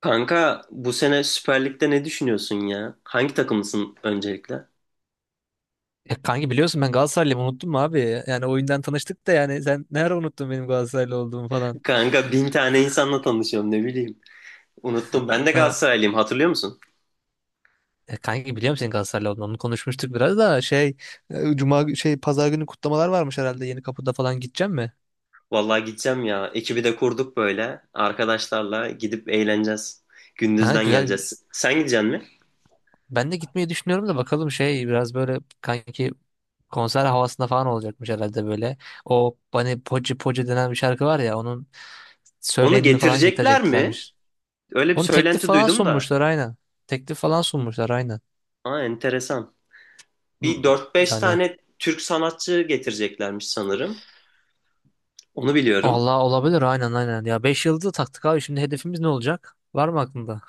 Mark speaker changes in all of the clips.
Speaker 1: Kanka bu sene Süper Lig'de ne düşünüyorsun ya? Hangi takımlısın öncelikle?
Speaker 2: Ya kanki biliyorsun ben Galatasaraylıyım unuttum mu abi? Yani oyundan tanıştık da yani sen ne ara unuttun benim Galatasaraylı olduğumu falan.
Speaker 1: Kanka bin tane insanla tanışıyorum ne bileyim. Unuttum ben de
Speaker 2: Ha.
Speaker 1: Galatasaraylıyım hatırlıyor musun?
Speaker 2: Kanki biliyorum senin Galatasaraylı olduğunu onu konuşmuştuk biraz da şey e, Cuma gü- şey Pazar günü kutlamalar varmış herhalde Yeni Kapı'da falan gideceğim mi?
Speaker 1: Vallahi gideceğim ya. Ekibi de kurduk böyle. Arkadaşlarla gidip eğleneceğiz.
Speaker 2: Ha,
Speaker 1: Gündüzden
Speaker 2: güzel
Speaker 1: geleceğiz. Sen gideceksin mi?
Speaker 2: ben de gitmeyi düşünüyorum da bakalım biraz böyle kanki konser havasında falan olacakmış herhalde böyle. O hani Poci Poci denen bir şarkı var ya onun
Speaker 1: Onu
Speaker 2: söyleyenini falan
Speaker 1: getirecekler mi?
Speaker 2: getireceklermiş.
Speaker 1: Öyle bir
Speaker 2: Onun teklif
Speaker 1: söylenti
Speaker 2: falan
Speaker 1: duydum da.
Speaker 2: sunmuşlar aynen. Teklif falan sunmuşlar aynen.
Speaker 1: Aa, enteresan. Bir dört beş
Speaker 2: Yani
Speaker 1: tane Türk sanatçı getireceklermiş sanırım. Onu biliyorum.
Speaker 2: Allah olabilir aynen aynen. Ya 5 yıldızı taktık abi şimdi hedefimiz ne olacak? Var mı aklında?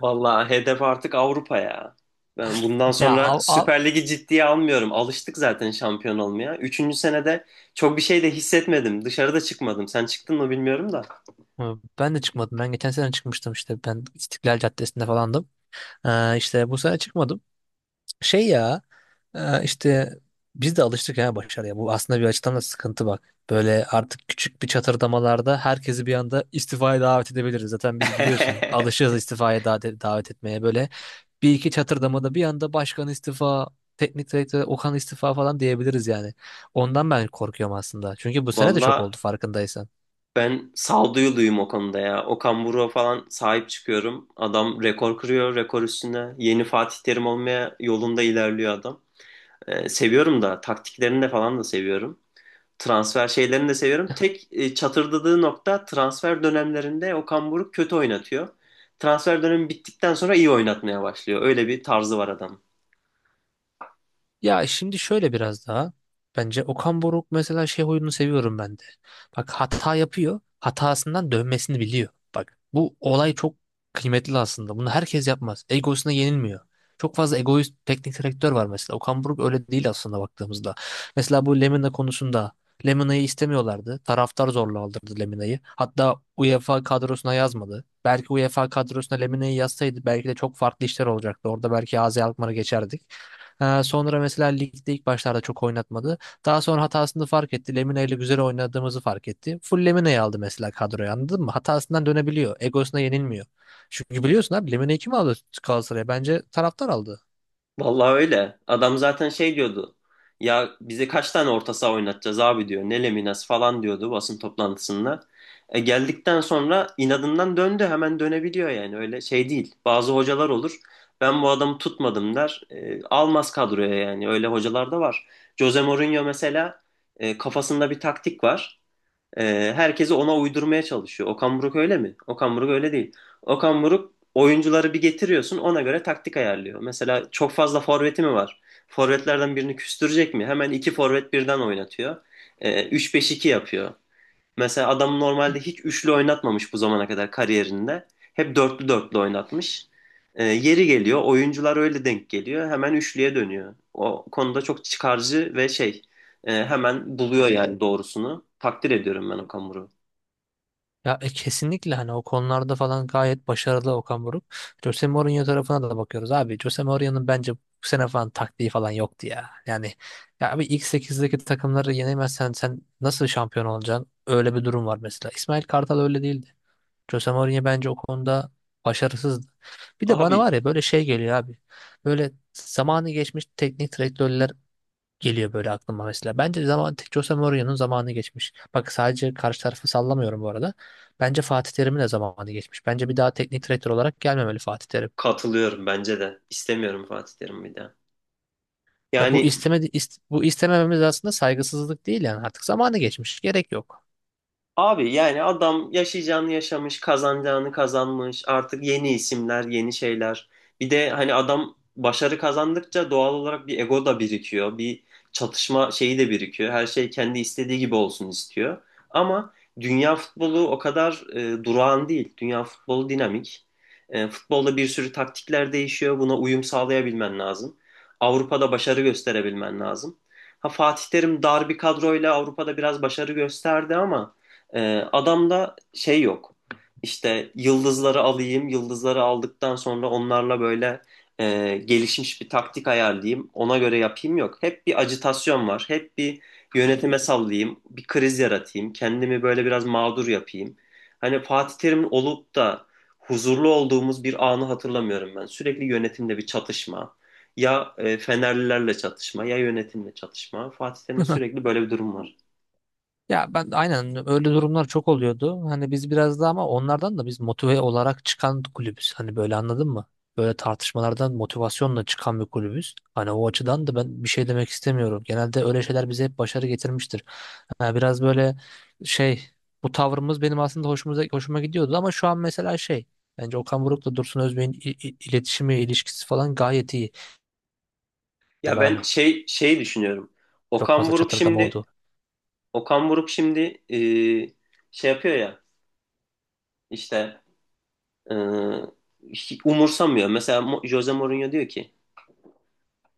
Speaker 1: Vallahi hedef artık Avrupa ya. Ben bundan
Speaker 2: Ya
Speaker 1: sonra
Speaker 2: av- av-
Speaker 1: Süper Lig'i ciddiye almıyorum. Alıştık zaten şampiyon olmaya. Üçüncü senede çok bir şey de hissetmedim. Dışarıda çıkmadım. Sen çıktın mı bilmiyorum da.
Speaker 2: hı, ben de çıkmadım. Ben geçen sene çıkmıştım işte. Ben İstiklal Caddesi'nde falandım. İşte bu sene çıkmadım. Ya, işte biz de alıştık ya başarıya. Bu aslında bir açıdan da sıkıntı bak. Böyle artık küçük bir çatırdamalarda herkesi bir anda istifaya davet edebiliriz. Zaten biz biliyorsun alışığız istifaya da davet etmeye böyle. Bir iki çatırdamada bir anda başkan istifa, teknik direktör Okan istifa falan diyebiliriz yani. Ondan ben korkuyorum aslında. Çünkü bu sene de çok
Speaker 1: Valla
Speaker 2: oldu farkındaysan.
Speaker 1: ben sağduyuluyum o konuda ya. Okan Buruk'a falan sahip çıkıyorum. Adam rekor kırıyor, rekor üstüne. Yeni Fatih Terim olmaya yolunda ilerliyor adam. Seviyorum da taktiklerini de falan da seviyorum. Transfer şeylerini de seviyorum. Tek çatırdadığı nokta transfer dönemlerinde Okan Buruk kötü oynatıyor. Transfer dönemi bittikten sonra iyi oynatmaya başlıyor. Öyle bir tarzı var adam.
Speaker 2: Ya şimdi şöyle biraz daha. Bence Okan Buruk mesela oyununu seviyorum ben de. Bak hata yapıyor. Hatasından dönmesini biliyor. Bak bu olay çok kıymetli aslında. Bunu herkes yapmaz. Egosuna yenilmiyor. Çok fazla egoist teknik direktör var mesela. Okan Buruk öyle değil aslında baktığımızda. Mesela bu Lemina konusunda Lemina'yı istemiyorlardı. Taraftar zorla aldırdı Lemina'yı. Hatta UEFA kadrosuna yazmadı. Belki UEFA kadrosuna Lemina'yı yazsaydı belki de çok farklı işler olacaktı. Orada belki AZ Alkmaar'a geçerdik. Sonra mesela ligde ilk başlarda çok oynatmadı. Daha sonra hatasını fark etti. Lemina ile güzel oynadığımızı fark etti. Full Lemina'yı aldı mesela kadroya anladın mı? Hatasından dönebiliyor. Egosuna yenilmiyor. Çünkü biliyorsun abi Lemina'yı kim aldı Galatasaray'a? Bence taraftar aldı.
Speaker 1: Vallahi öyle. Adam zaten şey diyordu. Ya bize kaç tane orta saha oynatacağız abi diyor. Ne Leminas falan diyordu basın toplantısında. E geldikten sonra inadından döndü. Hemen dönebiliyor yani. Öyle şey değil. Bazı hocalar olur. Ben bu adamı tutmadım der. Almaz kadroya yani. Öyle hocalar da var. Jose Mourinho mesela kafasında bir taktik var. Herkesi ona uydurmaya çalışıyor. Okan Buruk öyle mi? Okan Buruk öyle değil. Okan Buruk oyuncuları bir getiriyorsun ona göre taktik ayarlıyor. Mesela çok fazla forveti mi var? Forvetlerden birini küstürecek mi? Hemen iki forvet birden oynatıyor. 3-5-2 yapıyor. Mesela adam normalde hiç üçlü oynatmamış bu zamana kadar kariyerinde. Hep dörtlü dörtlü oynatmış. Yeri geliyor, oyuncular öyle denk geliyor. Hemen üçlüye dönüyor. O konuda çok çıkarcı ve hemen buluyor yani doğrusunu. Takdir ediyorum ben Okamuru.
Speaker 2: Ya kesinlikle hani o konularda falan gayet başarılı Okan Buruk. Jose Mourinho tarafına da bakıyoruz abi. Jose Mourinho'nun bence bu sene falan taktiği falan yoktu ya. Yani ya abi ilk 8'deki takımları yenemezsen sen nasıl şampiyon olacaksın? Öyle bir durum var mesela. İsmail Kartal öyle değildi. Jose Mourinho bence o konuda başarısızdı. Bir de bana
Speaker 1: Abi
Speaker 2: var ya böyle şey geliyor abi. Böyle zamanı geçmiş teknik direktörler geliyor böyle aklıma mesela. Bence Jose Mourinho'nun zamanı geçmiş. Bak sadece karşı tarafı sallamıyorum bu arada. Bence Fatih Terim'in de zamanı geçmiş. Bence bir daha teknik direktör olarak gelmemeli Fatih Terim.
Speaker 1: katılıyorum bence de. İstemiyorum Fatih Terim bir daha.
Speaker 2: Ya
Speaker 1: Yani.
Speaker 2: bu istemememiz aslında saygısızlık değil yani artık zamanı geçmiş. Gerek yok.
Speaker 1: Abi, yani adam yaşayacağını yaşamış, kazanacağını kazanmış. Artık yeni isimler, yeni şeyler. Bir de hani adam başarı kazandıkça doğal olarak bir ego da birikiyor. Bir çatışma şeyi de birikiyor. Her şey kendi istediği gibi olsun istiyor. Ama dünya futbolu o kadar durağan değil. Dünya futbolu dinamik. Futbolda bir sürü taktikler değişiyor. Buna uyum sağlayabilmen lazım. Avrupa'da başarı gösterebilmen lazım. Ha Fatih Terim dar bir kadroyla Avrupa'da biraz başarı gösterdi ama ee, adamda şey yok. İşte yıldızları alayım, yıldızları aldıktan sonra onlarla böyle gelişmiş bir taktik ayarlayayım, ona göre yapayım yok. Hep bir acitasyon var, hep bir yönetime sallayayım, bir kriz yaratayım, kendimi böyle biraz mağdur yapayım. Hani Fatih Terim'in olup da huzurlu olduğumuz bir anı hatırlamıyorum ben. Sürekli yönetimde bir çatışma. Ya Fenerlilerle çatışma, ya yönetimle çatışma. Fatih Terim'de sürekli böyle bir durum var.
Speaker 2: Ya ben aynen öyle durumlar çok oluyordu. Hani biz biraz daha ama onlardan da biz motive olarak çıkan kulübüz. Hani böyle anladın mı? Böyle tartışmalardan motivasyonla çıkan bir kulübüz. Hani o açıdan da ben bir şey demek istemiyorum. Genelde öyle şeyler bize hep başarı getirmiştir. Ha, biraz böyle şey bu tavrımız benim aslında hoşuma gidiyordu ama şu an mesela bence Okan Buruk'la Dursun Özbek'in iletişimi, ilişkisi falan gayet iyi.
Speaker 1: Ya
Speaker 2: Diyorlar
Speaker 1: ben
Speaker 2: hani
Speaker 1: şey düşünüyorum.
Speaker 2: çok
Speaker 1: Okan
Speaker 2: fazla
Speaker 1: Buruk
Speaker 2: çatırdam
Speaker 1: şimdi
Speaker 2: oldu.
Speaker 1: Okan Buruk şimdi e, şey yapıyor ya işte e, hiç umursamıyor. Mesela Jose Mourinho diyor ki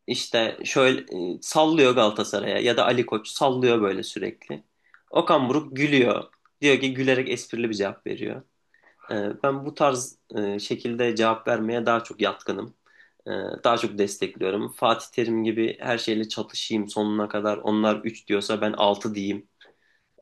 Speaker 1: işte şöyle sallıyor Galatasaray'a ya da Ali Koç sallıyor böyle sürekli. Okan Buruk gülüyor. Diyor ki gülerek esprili bir cevap veriyor. Ben bu tarz şekilde cevap vermeye daha çok yatkınım. Ee, Daha çok destekliyorum. Fatih Terim gibi her şeyle çatışayım sonuna kadar. Onlar 3 diyorsa ben 6 diyeyim.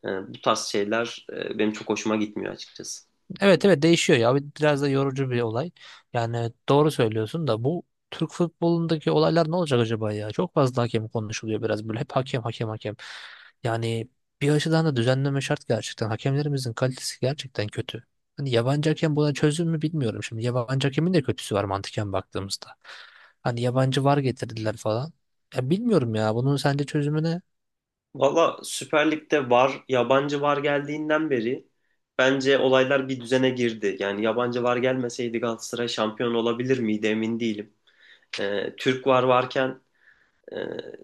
Speaker 1: Ee, Bu tarz şeyler benim çok hoşuma gitmiyor açıkçası.
Speaker 2: Evet evet değişiyor ya. Biraz da yorucu bir olay. Yani doğru söylüyorsun da bu Türk futbolundaki olaylar ne olacak acaba ya? Çok fazla hakem konuşuluyor biraz böyle. Hep hakem hakem hakem. Yani bir açıdan da düzenleme şart gerçekten. Hakemlerimizin kalitesi gerçekten kötü. Hani yabancı hakem buna çözüm mü bilmiyorum. Şimdi yabancı hakemin de kötüsü var mantıken baktığımızda. Hani yabancı var getirdiler falan. Ya bilmiyorum ya bunun sence çözümü ne?
Speaker 1: Valla Süper Lig'de VAR, yabancı VAR geldiğinden beri bence olaylar bir düzene girdi. Yani yabancı VAR gelmeseydi Galatasaray şampiyon olabilir miydi emin değilim. Türk VAR varken E,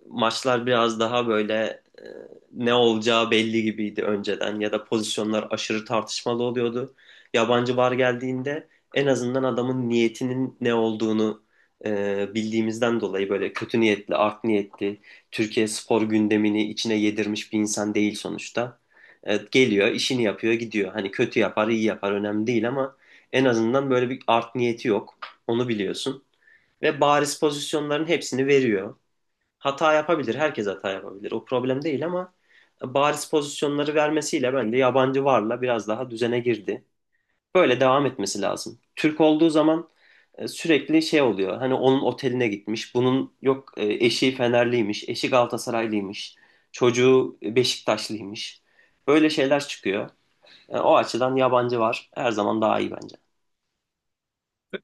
Speaker 1: maçlar biraz daha böyle e, ne olacağı belli gibiydi önceden ya da pozisyonlar aşırı tartışmalı oluyordu. Yabancı VAR geldiğinde en azından adamın niyetinin ne olduğunu bildiğimizden dolayı böyle kötü niyetli, art niyetli, Türkiye spor gündemini içine yedirmiş bir insan değil sonuçta. Geliyor, işini yapıyor, gidiyor. Hani kötü yapar, iyi yapar önemli değil ama en azından böyle bir art niyeti yok. Onu biliyorsun. Ve bariz pozisyonların hepsini veriyor. Hata yapabilir. Herkes hata yapabilir. O problem değil ama bariz pozisyonları vermesiyle bence yabancı varla biraz daha düzene girdi. Böyle devam etmesi lazım. Türk olduğu zaman sürekli şey oluyor. Hani onun oteline gitmiş. Bunun yok eşi Fenerliymiş, eşi Galatasaraylıymış, çocuğu Beşiktaşlıymış. Böyle şeyler çıkıyor. O açıdan yabancı var. Her zaman daha iyi bence.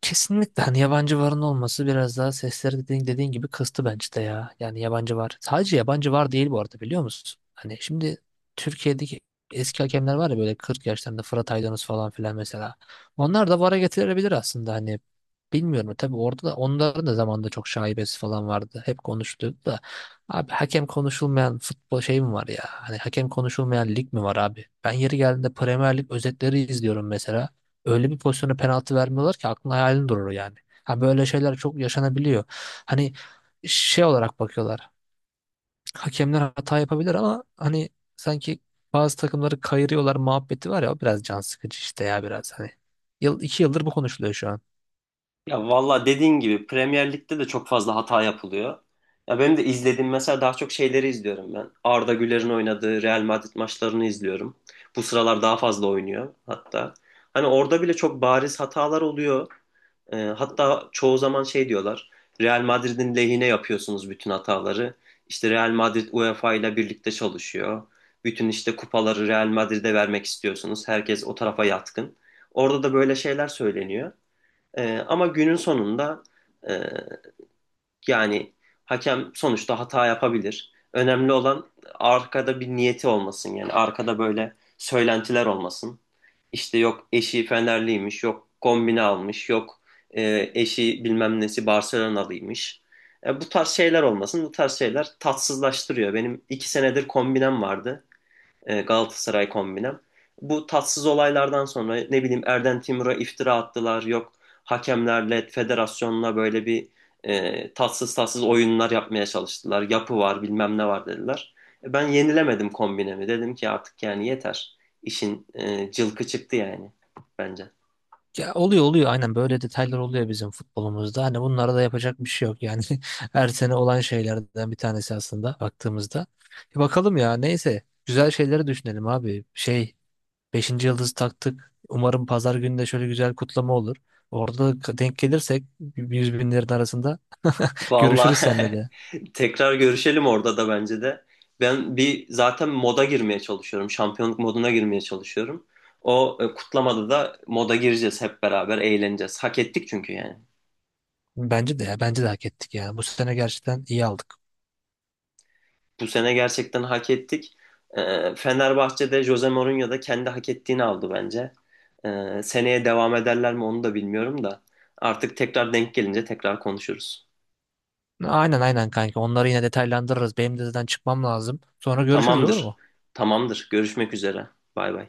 Speaker 2: Kesinlikle hani yabancı varın olması biraz daha sesleri dediğin gibi kıstı bence de ya. Yani yabancı var. Sadece yabancı var değil bu arada biliyor musun? Hani şimdi Türkiye'deki eski hakemler var ya böyle 40 yaşlarında Fırat Aydınus falan filan mesela. Onlar da VAR'a getirilebilir aslında hani. Bilmiyorum tabii orada da onların da zamanında çok şaibesi falan vardı. Hep konuşuluyordu da. Abi hakem konuşulmayan futbol şey mi var ya? Hani hakem konuşulmayan lig mi var abi? Ben yeri geldiğinde Premier Lig özetleri izliyorum mesela öyle bir pozisyona penaltı vermiyorlar ki aklın hayalin durur yani. Ha böyle şeyler çok yaşanabiliyor. Hani şey olarak bakıyorlar. Hakemler hata yapabilir ama hani sanki bazı takımları kayırıyorlar muhabbeti var ya o biraz can sıkıcı işte ya biraz hani. 2 yıldır bu konuşuluyor şu an.
Speaker 1: Ya valla dediğin gibi Premier Lig'de de çok fazla hata yapılıyor. Ya benim de izlediğim mesela daha çok şeyleri izliyorum ben. Arda Güler'in oynadığı Real Madrid maçlarını izliyorum. Bu sıralar daha fazla oynuyor hatta. Hani orada bile çok bariz hatalar oluyor. Hatta çoğu zaman şey diyorlar. Real Madrid'in lehine yapıyorsunuz bütün hataları. İşte Real Madrid UEFA ile birlikte çalışıyor. Bütün işte kupaları Real Madrid'e vermek istiyorsunuz. Herkes o tarafa yatkın. Orada da böyle şeyler söyleniyor. Ama günün sonunda e, yani hakem sonuçta hata yapabilir. Önemli olan arkada bir niyeti olmasın. Yani arkada böyle söylentiler olmasın. İşte yok eşi Fenerliymiş, yok kombine almış, yok eşi bilmem nesi Barcelonalıymış. Bu tarz şeyler olmasın. Bu tarz şeyler tatsızlaştırıyor. Benim 2 senedir kombinem vardı Galatasaray kombinem. Bu tatsız olaylardan sonra ne bileyim Erden Timur'a iftira attılar. Yok hakemlerle, federasyonla böyle bir tatsız tatsız oyunlar yapmaya çalıştılar. Yapı var, bilmem ne var dediler. Ben yenilemedim kombinemi. Dedim ki artık yani yeter. İşin cılkı çıktı yani bence.
Speaker 2: Ya oluyor oluyor aynen böyle detaylar oluyor bizim futbolumuzda. Hani bunlara da yapacak bir şey yok yani. Her sene olan şeylerden bir tanesi aslında baktığımızda. Bakalım ya neyse güzel şeyleri düşünelim abi. Beşinci yıldızı taktık. Umarım pazar günü de şöyle güzel kutlama olur. Orada da denk gelirsek yüz binlerin arasında görüşürüz
Speaker 1: Vallahi
Speaker 2: seninle de.
Speaker 1: tekrar görüşelim orada da bence de. Ben bir zaten moda girmeye çalışıyorum. Şampiyonluk moduna girmeye çalışıyorum. O kutlamada da moda gireceğiz hep beraber eğleneceğiz. Hak ettik çünkü yani.
Speaker 2: Bence de ya bence de hak ettik ya. Bu sene gerçekten iyi aldık.
Speaker 1: Bu sene gerçekten hak ettik. Fenerbahçe'de Jose Mourinho da kendi hak ettiğini aldı bence. Seneye devam ederler mi onu da bilmiyorum da. Artık tekrar denk gelince tekrar konuşuruz.
Speaker 2: Aynen aynen kanka. Onları yine detaylandırırız. Benim de zaten çıkmam lazım. Sonra görüşürüz olur
Speaker 1: Tamamdır.
Speaker 2: mu?
Speaker 1: Tamamdır. Görüşmek üzere. Bay bay.